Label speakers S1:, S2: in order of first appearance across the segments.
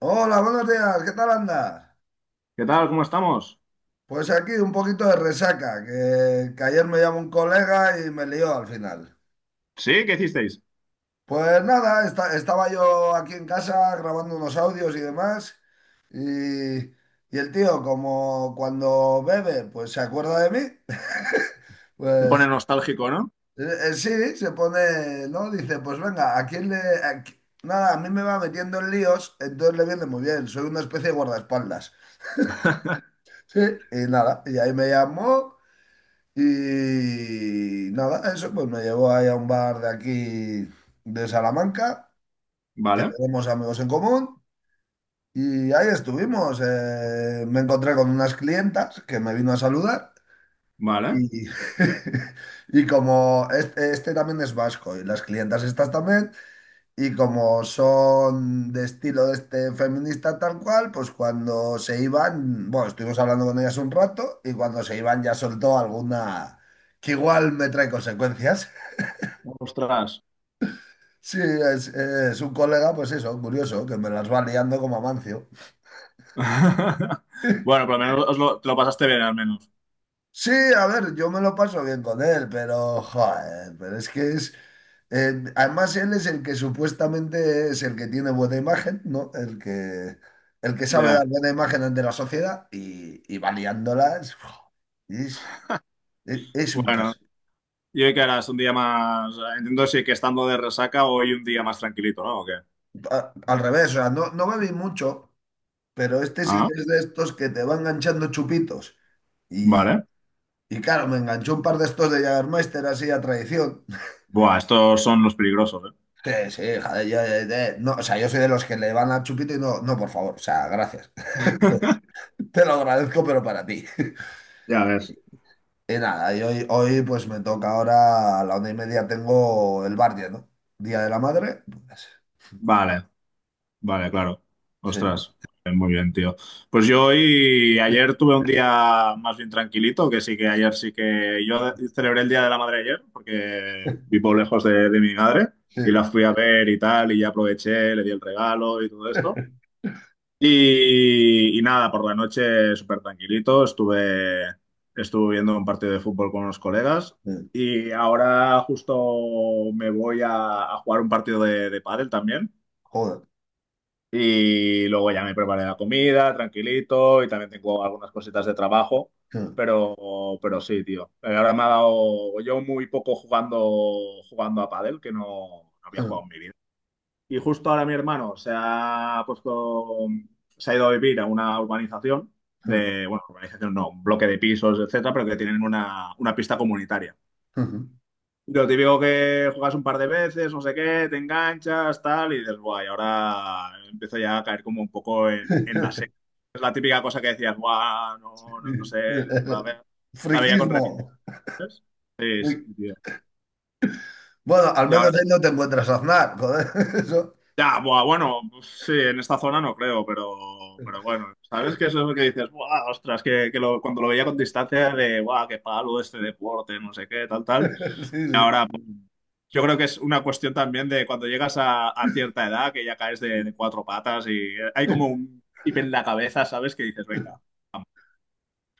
S1: Hola, buenos días, ¿qué tal andas?
S2: ¿Qué tal? ¿Cómo estamos?
S1: Pues aquí un poquito de resaca, que ayer me llamó un colega y me lió al final.
S2: ¿Sí? ¿Qué hicisteis?
S1: Pues nada, estaba yo aquí en casa grabando unos audios y demás, y, y el tío, como cuando bebe, pues se acuerda de mí,
S2: Te pone
S1: pues
S2: nostálgico, ¿no?
S1: eh, sí, se pone, ¿no? Dice, pues venga, ¿a quién le...? Nada, a mí me va metiendo en líos, entonces le viene muy bien, soy una especie de guardaespaldas. Sí, y nada, y ahí me llamó. Y nada, eso pues me llevó ahí a un bar de aquí, de Salamanca, que
S2: Vale,
S1: tenemos amigos en común. Y ahí estuvimos. Me encontré con unas clientas que me vino a saludar.
S2: vale.
S1: Y, y como este también es vasco y las clientas estas también, y como son de estilo de este feminista tal cual, pues cuando se iban, bueno, estuvimos hablando con ellas un rato y cuando se iban ya soltó alguna que igual me trae consecuencias.
S2: Ostras.
S1: Sí, es un colega, pues eso, curioso, que me las va liando como Amancio.
S2: Bueno, por lo menos te lo pasaste bien, al menos.
S1: Sí, a ver, yo me lo paso bien con él, pero, joder, pero es que es, además, él es el que supuestamente es el que tiene buena imagen, ¿no? El que sabe
S2: Ya.
S1: dar buena imagen ante la sociedad y va liándola. Es un
S2: Bueno,
S1: caso.
S2: ¿y hoy qué harás? ¿Un día más? Entiendo si que estando de resaca hoy un día más tranquilito, ¿no? ¿O qué?
S1: Al revés, o sea, no, no bebí mucho, pero este sí
S2: Ah,
S1: que es de estos que te va enganchando chupitos. Y,
S2: vale.
S1: y claro, me enganchó un par de estos de Jägermeister así a tradición.
S2: Buah, estos son los peligrosos, ¿eh?
S1: Sí, sí, joder, yo no, o sea, yo soy de los que le van a chupito y no, no, por favor, o sea, gracias. Te lo agradezco, pero para ti.
S2: Ya ves.
S1: Y nada, y hoy, pues me toca ahora, a la 1:30 tengo el bar, ¿no? Día de la Madre, pues,
S2: Vale. Vale, claro.
S1: sí,
S2: Ostras, muy bien, tío. Pues yo hoy, ayer tuve un día más bien tranquilito, que sí que ayer sí que yo celebré el Día de la Madre ayer, porque vivo lejos de mi madre y la
S1: sí,
S2: fui a ver y tal, y ya aproveché, le di el regalo y todo esto. Y nada, por la noche súper tranquilito, estuve viendo un partido de fútbol con unos colegas
S1: sí,
S2: y ahora justo me voy a jugar un partido de pádel también.
S1: joder.
S2: Y luego ya me preparé la comida, tranquilito, y también tengo algunas cositas de trabajo, pero sí, tío. Ahora me ha dado yo muy poco jugando a pádel, que no, no había jugado en mi vida. Y justo ahora mi hermano se ha ido a vivir a una urbanización de, bueno, urbanización no, un bloque de pisos, etcétera, pero que tienen una pista comunitaria. Lo típico que juegas un par de veces, no sé qué, te enganchas, tal, y dices, guay, ahora empiezo ya a caer como un poco en la serie. Es la típica cosa que decías, guau, no, no, no sé, la ve- la veía con
S1: Friquismo.
S2: reticencias. Sí, sí,
S1: Fri-
S2: tío.
S1: Bueno, al
S2: Y
S1: menos
S2: ahora,
S1: ahí no te encuentras a Aznar, joder, eso.
S2: ya, buah, bueno, pues sí, en esta zona no creo, pero bueno, ¿sabes qué es eso que dices? Buah, ostras, cuando lo veía con distancia de, guau, qué palo este deporte, no sé qué, tal, tal.
S1: Sí,
S2: Ahora, pues, yo creo que es una cuestión también de cuando llegas a cierta edad, que ya caes
S1: sí.
S2: de
S1: Sí.
S2: cuatro patas y hay como un chip en la cabeza, ¿sabes? Que dices, venga, vamos,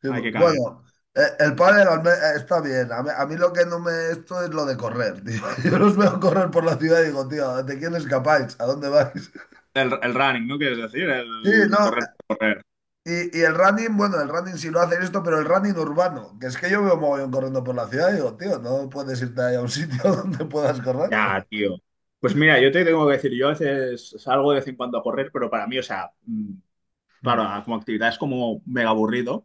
S1: Sí,
S2: hay que caer.
S1: Bueno, el pádel está bien. A mí lo que no me esto es lo de correr, tío. Yo los veo correr por la ciudad y digo, tío, ¿de quién escapáis? ¿A dónde vais?
S2: El running, ¿no? Quieres decir,
S1: Sí, no,
S2: el correr por correr.
S1: y el running, bueno, el running sí lo hace esto, pero el running urbano, que es que yo veo mogollón corriendo por la ciudad y digo, tío, no puedes irte ahí a un sitio donde puedas correr.
S2: Ya, tío. Pues mira, yo te tengo que decir, yo a veces salgo de vez en cuando a correr, pero para mí, o sea,
S1: Mm.
S2: claro, como actividad es como mega aburrido.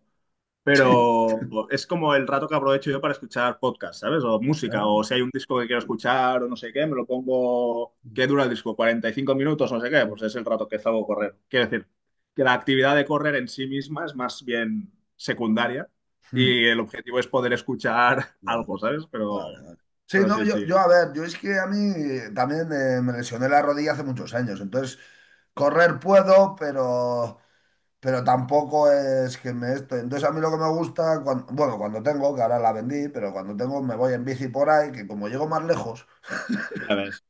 S1: Sí.
S2: Pero es como el rato que aprovecho yo para escuchar podcast, ¿sabes? O música,
S1: Ah,
S2: o si hay un disco que quiero escuchar o no sé qué, me lo pongo. ¿Qué dura el disco? ¿45 minutos? No sé qué,
S1: mm.
S2: pues es el rato que salgo a correr. Quiero decir, que la actividad de correr en sí misma es más bien secundaria
S1: Mm.
S2: y el objetivo es poder escuchar
S1: Ya,
S2: algo, ¿sabes?
S1: vale, vale. Sí,
S2: Pero
S1: no,
S2: sí,
S1: yo,
S2: sí,
S1: yo, a ver, yo es que a mí también me lesioné la rodilla hace muchos años, entonces correr puedo, pero tampoco es que me esto. Entonces a mí lo que me gusta, bueno, cuando tengo, que ahora la vendí, pero cuando tengo me voy en bici por ahí, que como llego más lejos.
S2: ya ves.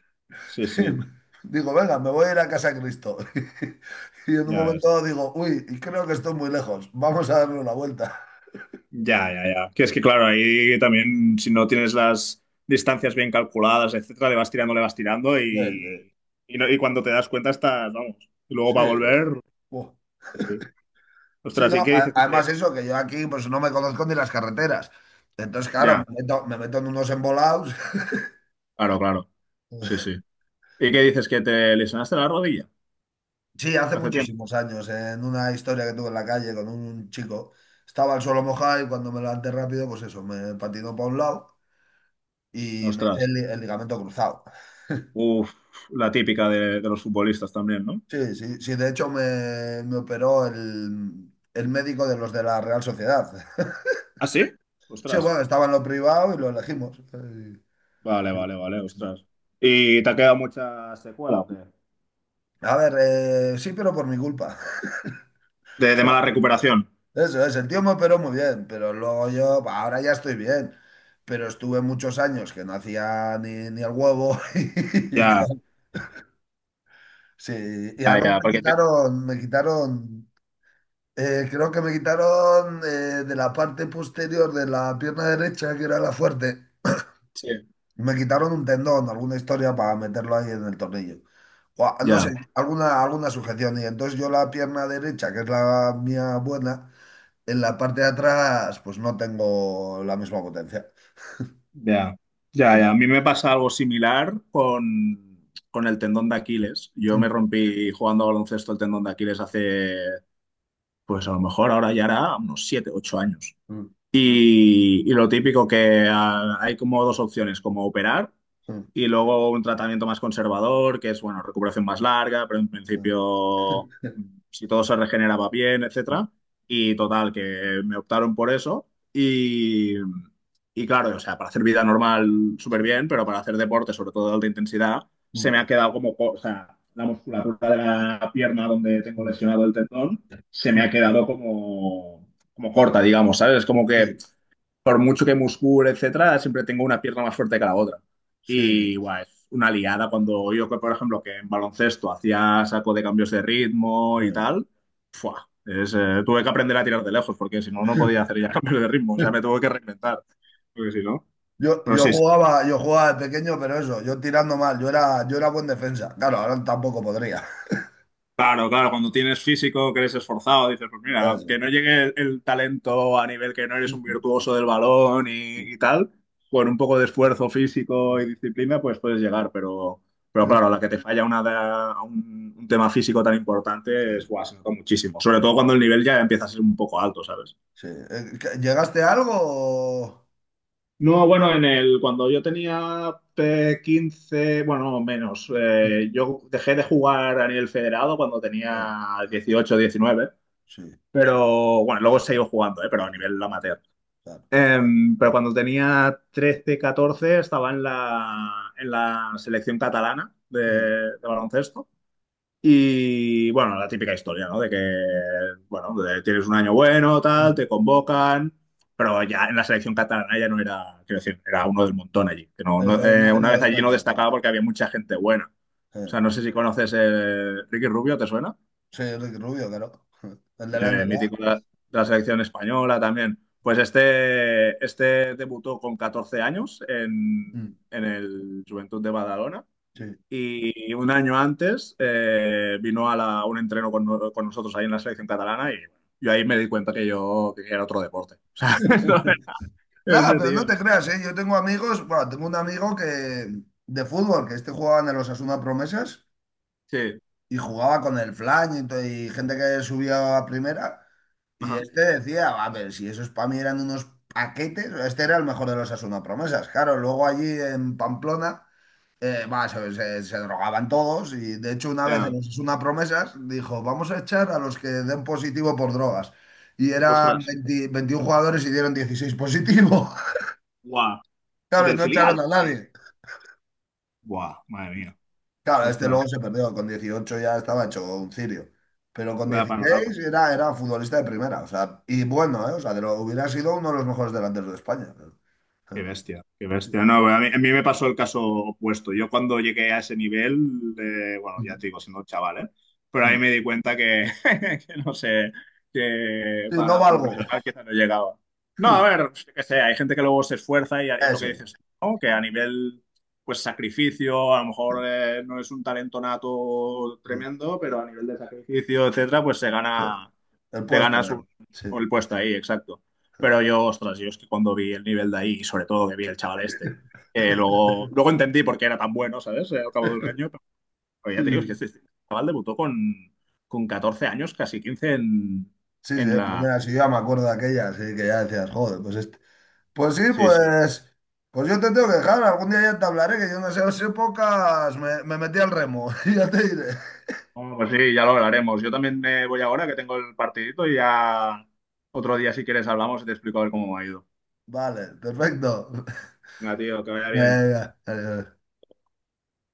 S2: Sí, sí,
S1: Digo, venga, me voy a ir a casa de Cristo. Y en un
S2: ya
S1: momento
S2: ves.
S1: dado digo, uy, y creo que estoy muy lejos. Vamos a darle una vuelta.
S2: Ya, ya, ya. Que es que, claro, ahí también, si no tienes las distancias bien calculadas, etcétera, le vas tirando y, y cuando te das cuenta estás, vamos. Y luego
S1: Sí,
S2: para
S1: sí, sí,
S2: volver,
S1: sí. Buah.
S2: sí. Sí.
S1: Sí,
S2: Ostras,
S1: no,
S2: ¿y qué dices que
S1: además
S2: te...
S1: eso, que yo aquí pues no me conozco ni las carreteras. Entonces, claro, me
S2: Ya,
S1: meto, me meto en unos embolados.
S2: claro, claro. Sí, sí. ¿Y qué dices que te lesionaste la rodilla
S1: Sí, hace
S2: hace tiempo?
S1: muchísimos años, en una historia que tuve en la calle con un chico, estaba el suelo mojado y cuando me levanté rápido, pues eso, me patinó para un lado y me hice
S2: Ostras.
S1: el ligamento cruzado.
S2: Uf, la típica de los futbolistas también, ¿no?
S1: Sí, sí, sí, de hecho me operó el médico de los de la Real Sociedad.
S2: ¿Ah, sí?
S1: Sí,
S2: Ostras.
S1: bueno, estaba en lo privado y lo elegimos.
S2: Vale, vale, vale, ostras. ¿Y te ha quedado mucha secuela o qué?
S1: A ver, sí, pero por mi culpa.
S2: De mala recuperación.
S1: O sea, eso es, el tío me operó muy bien, pero luego yo, bah, ahora ya estoy bien, pero estuve muchos años que no hacía ni el huevo. Y,
S2: Ya,
S1: claro, sí, y
S2: ya,
S1: además
S2: ya, porque te-
S1: creo que me quitaron de la parte posterior de la pierna derecha, que era la fuerte.
S2: Sí.
S1: Me quitaron un tendón, alguna historia para meterlo ahí en el tornillo. O, no sé,
S2: Ya.
S1: alguna sujeción. Y entonces yo la pierna derecha, que es la mía buena, en la parte de atrás, pues no tengo la misma potencia.
S2: Ya,
S1: Sí.
S2: ya, ya. A mí me pasa algo similar con el tendón de Aquiles. Yo me
S1: Mm,
S2: rompí jugando a baloncesto el tendón de Aquiles hace, pues a lo mejor ahora ya era unos 7, 8 años.
S1: mm,
S2: Y lo típico que hay como dos opciones, como operar.
S1: mm,
S2: Y luego un tratamiento más conservador, que es, bueno, recuperación más larga, pero en
S1: mm.
S2: principio, si todo se regeneraba bien, etcétera. Y total, que me optaron por eso. Y, y claro, o sea, para hacer vida normal súper
S1: Sí.
S2: bien, pero para hacer deporte, sobre todo de alta intensidad, se me
S1: Mm,
S2: ha quedado o sea, la
S1: mm,
S2: musculatura de la pierna donde tengo
S1: mm.
S2: lesionado el tendón, se me ha
S1: Mm.
S2: quedado como, como corta, digamos, ¿sabes? Es como que
S1: Sí,
S2: por mucho que muscule, etcétera, siempre tengo una pierna más fuerte que la otra.
S1: sí.
S2: Y guau, es una liada cuando yo, que, por ejemplo, que en baloncesto hacía saco de cambios de ritmo y
S1: Mm.
S2: tal, ¡fua! Tuve que aprender a tirar de lejos porque si no, no podía hacer ya cambios de ritmo, o sea, me tuve que reinventar, porque si no.
S1: Yo,
S2: Pero
S1: yo
S2: sí.
S1: jugaba, yo jugaba de pequeño, pero eso, yo tirando mal, yo era buen defensa. Claro, ahora tampoco podría.
S2: Claro, claro, cuando tienes físico, que eres esforzado, dices, pues mira,
S1: Eso.
S2: que no llegue el talento a nivel que no eres
S1: Sí,
S2: un virtuoso del balón y tal, con un poco de esfuerzo físico y disciplina, pues puedes llegar, pero claro, a
S1: sí,
S2: la que te falla un tema físico tan importante es,
S1: sí.
S2: guau, se nota muchísimo, sobre todo cuando el nivel ya empieza a ser un poco alto, ¿sabes?
S1: Sí. ¿Llegaste a algo?
S2: No, bueno, en el, cuando yo tenía 15, bueno, no, menos,
S1: Sí,
S2: yo dejé de jugar a nivel federado cuando
S1: eh,
S2: tenía 18, 19.
S1: sí,
S2: Pero bueno, luego seguí jugando, ¿eh? Pero a
S1: sí,
S2: nivel amateur.
S1: claro.
S2: Em, pero cuando tenía 13 14 estaba en la selección catalana
S1: Sí.
S2: de baloncesto. Y bueno, la típica historia, ¿no? De que, bueno, de- tienes un año bueno, tal, te
S1: Mm.
S2: convocan, pero ya en la selección catalana ya no era, quiero decir, era uno del montón allí. Que no, no-
S1: Eso es, no,
S2: una
S1: no
S2: vez allí no
S1: destacas. No.
S2: destacaba porque había mucha gente buena. O
S1: Eh,
S2: sea, no sé si conoces Ricky Rubio, ¿te suena?
S1: Sí, Ricky Rubio, claro. El de la
S2: Mítico
S1: NBA.
S2: de la selección española también. Pues este debutó con 14 años
S1: Mm,
S2: en el Juventud de Badalona
S1: sí.
S2: y un año antes vino a un entreno con, no- con nosotros ahí en la selección catalana y yo ahí me di cuenta que yo que era otro deporte. O sea,
S1: Nada,
S2: ese
S1: pero
S2: tío.
S1: no te creas, ¿eh? Yo tengo amigos, bueno, tengo un amigo que de fútbol, que este jugaba en el Osasuna Promesas
S2: Sí.
S1: y jugaba con el Flan y gente que subía a primera. Y
S2: Ajá.
S1: este decía, a ver, si esos para mí eran unos paquetes, este era el mejor de los Osasuna Promesas. Claro, luego allí en Pamplona. Va, se drogaban todos y de hecho una vez en
S2: Ya.
S1: los Osasuna Promesas dijo, vamos a echar a los que den positivo por drogas. Y eran
S2: Ostras.
S1: 20 21 jugadores y dieron 16 positivo.
S2: Guau.
S1: Claro, y
S2: Del
S1: no
S2: filial.
S1: echaron a nadie.
S2: Guau, madre mía.
S1: Claro, este
S2: Ostras.
S1: luego se perdió, con 18 ya estaba hecho un cirio. Pero con
S2: Vaya panorama.
S1: 16 era futbolista de primera, o sea, y bueno, ¿eh? O sea, hubiera sido uno de los mejores delanteros de España.
S2: Qué bestia, qué bestia. No, bueno, a mí me pasó el caso opuesto. Yo cuando llegué a ese nivel, bueno, ya te digo, siendo chaval, ¿eh? Pero ahí me di cuenta que, que no sé, que
S1: Sí, no
S2: para
S1: valgo.
S2: profesional quizá no llegaba. No, a ver, yo qué sé, hay gente que luego se esfuerza y es lo que
S1: Eso.
S2: dices, ¿no? Que a nivel, pues, sacrificio, a lo mejor no es un talento nato
S1: Sí,
S2: tremendo, pero a nivel de sacrificio, etcétera, pues se
S1: sí,
S2: gana,
S1: el
S2: te
S1: puesto.
S2: ganas un-
S1: Sí.
S2: el puesto ahí, exacto. Pero yo, ostras, yo es que cuando vi el nivel de ahí, y sobre todo que vi el chaval este, luego entendí por qué era tan bueno, ¿sabes? Al cabo de un año, pero
S1: Sí,
S2: ya te digo, es que
S1: sí,
S2: este chaval debutó con 14 años, casi 15
S1: sí, sí,
S2: en
S1: en
S2: la...
S1: primera ciudad me acuerdo de aquella, así que ya decías, joder, pues este. Pues sí,
S2: Sí, sí.
S1: pues yo te tengo que dejar, algún día ya te hablaré, que yo en esas épocas me metí al remo. Ya te diré.
S2: Bueno, pues sí, ya lo hablaremos. Yo también me voy ahora que tengo el partidito y ya otro día, si quieres, hablamos y te explico a ver cómo me ha ido.
S1: Vale, perfecto.
S2: Venga, tío, que vaya bien.
S1: Venga, adiós.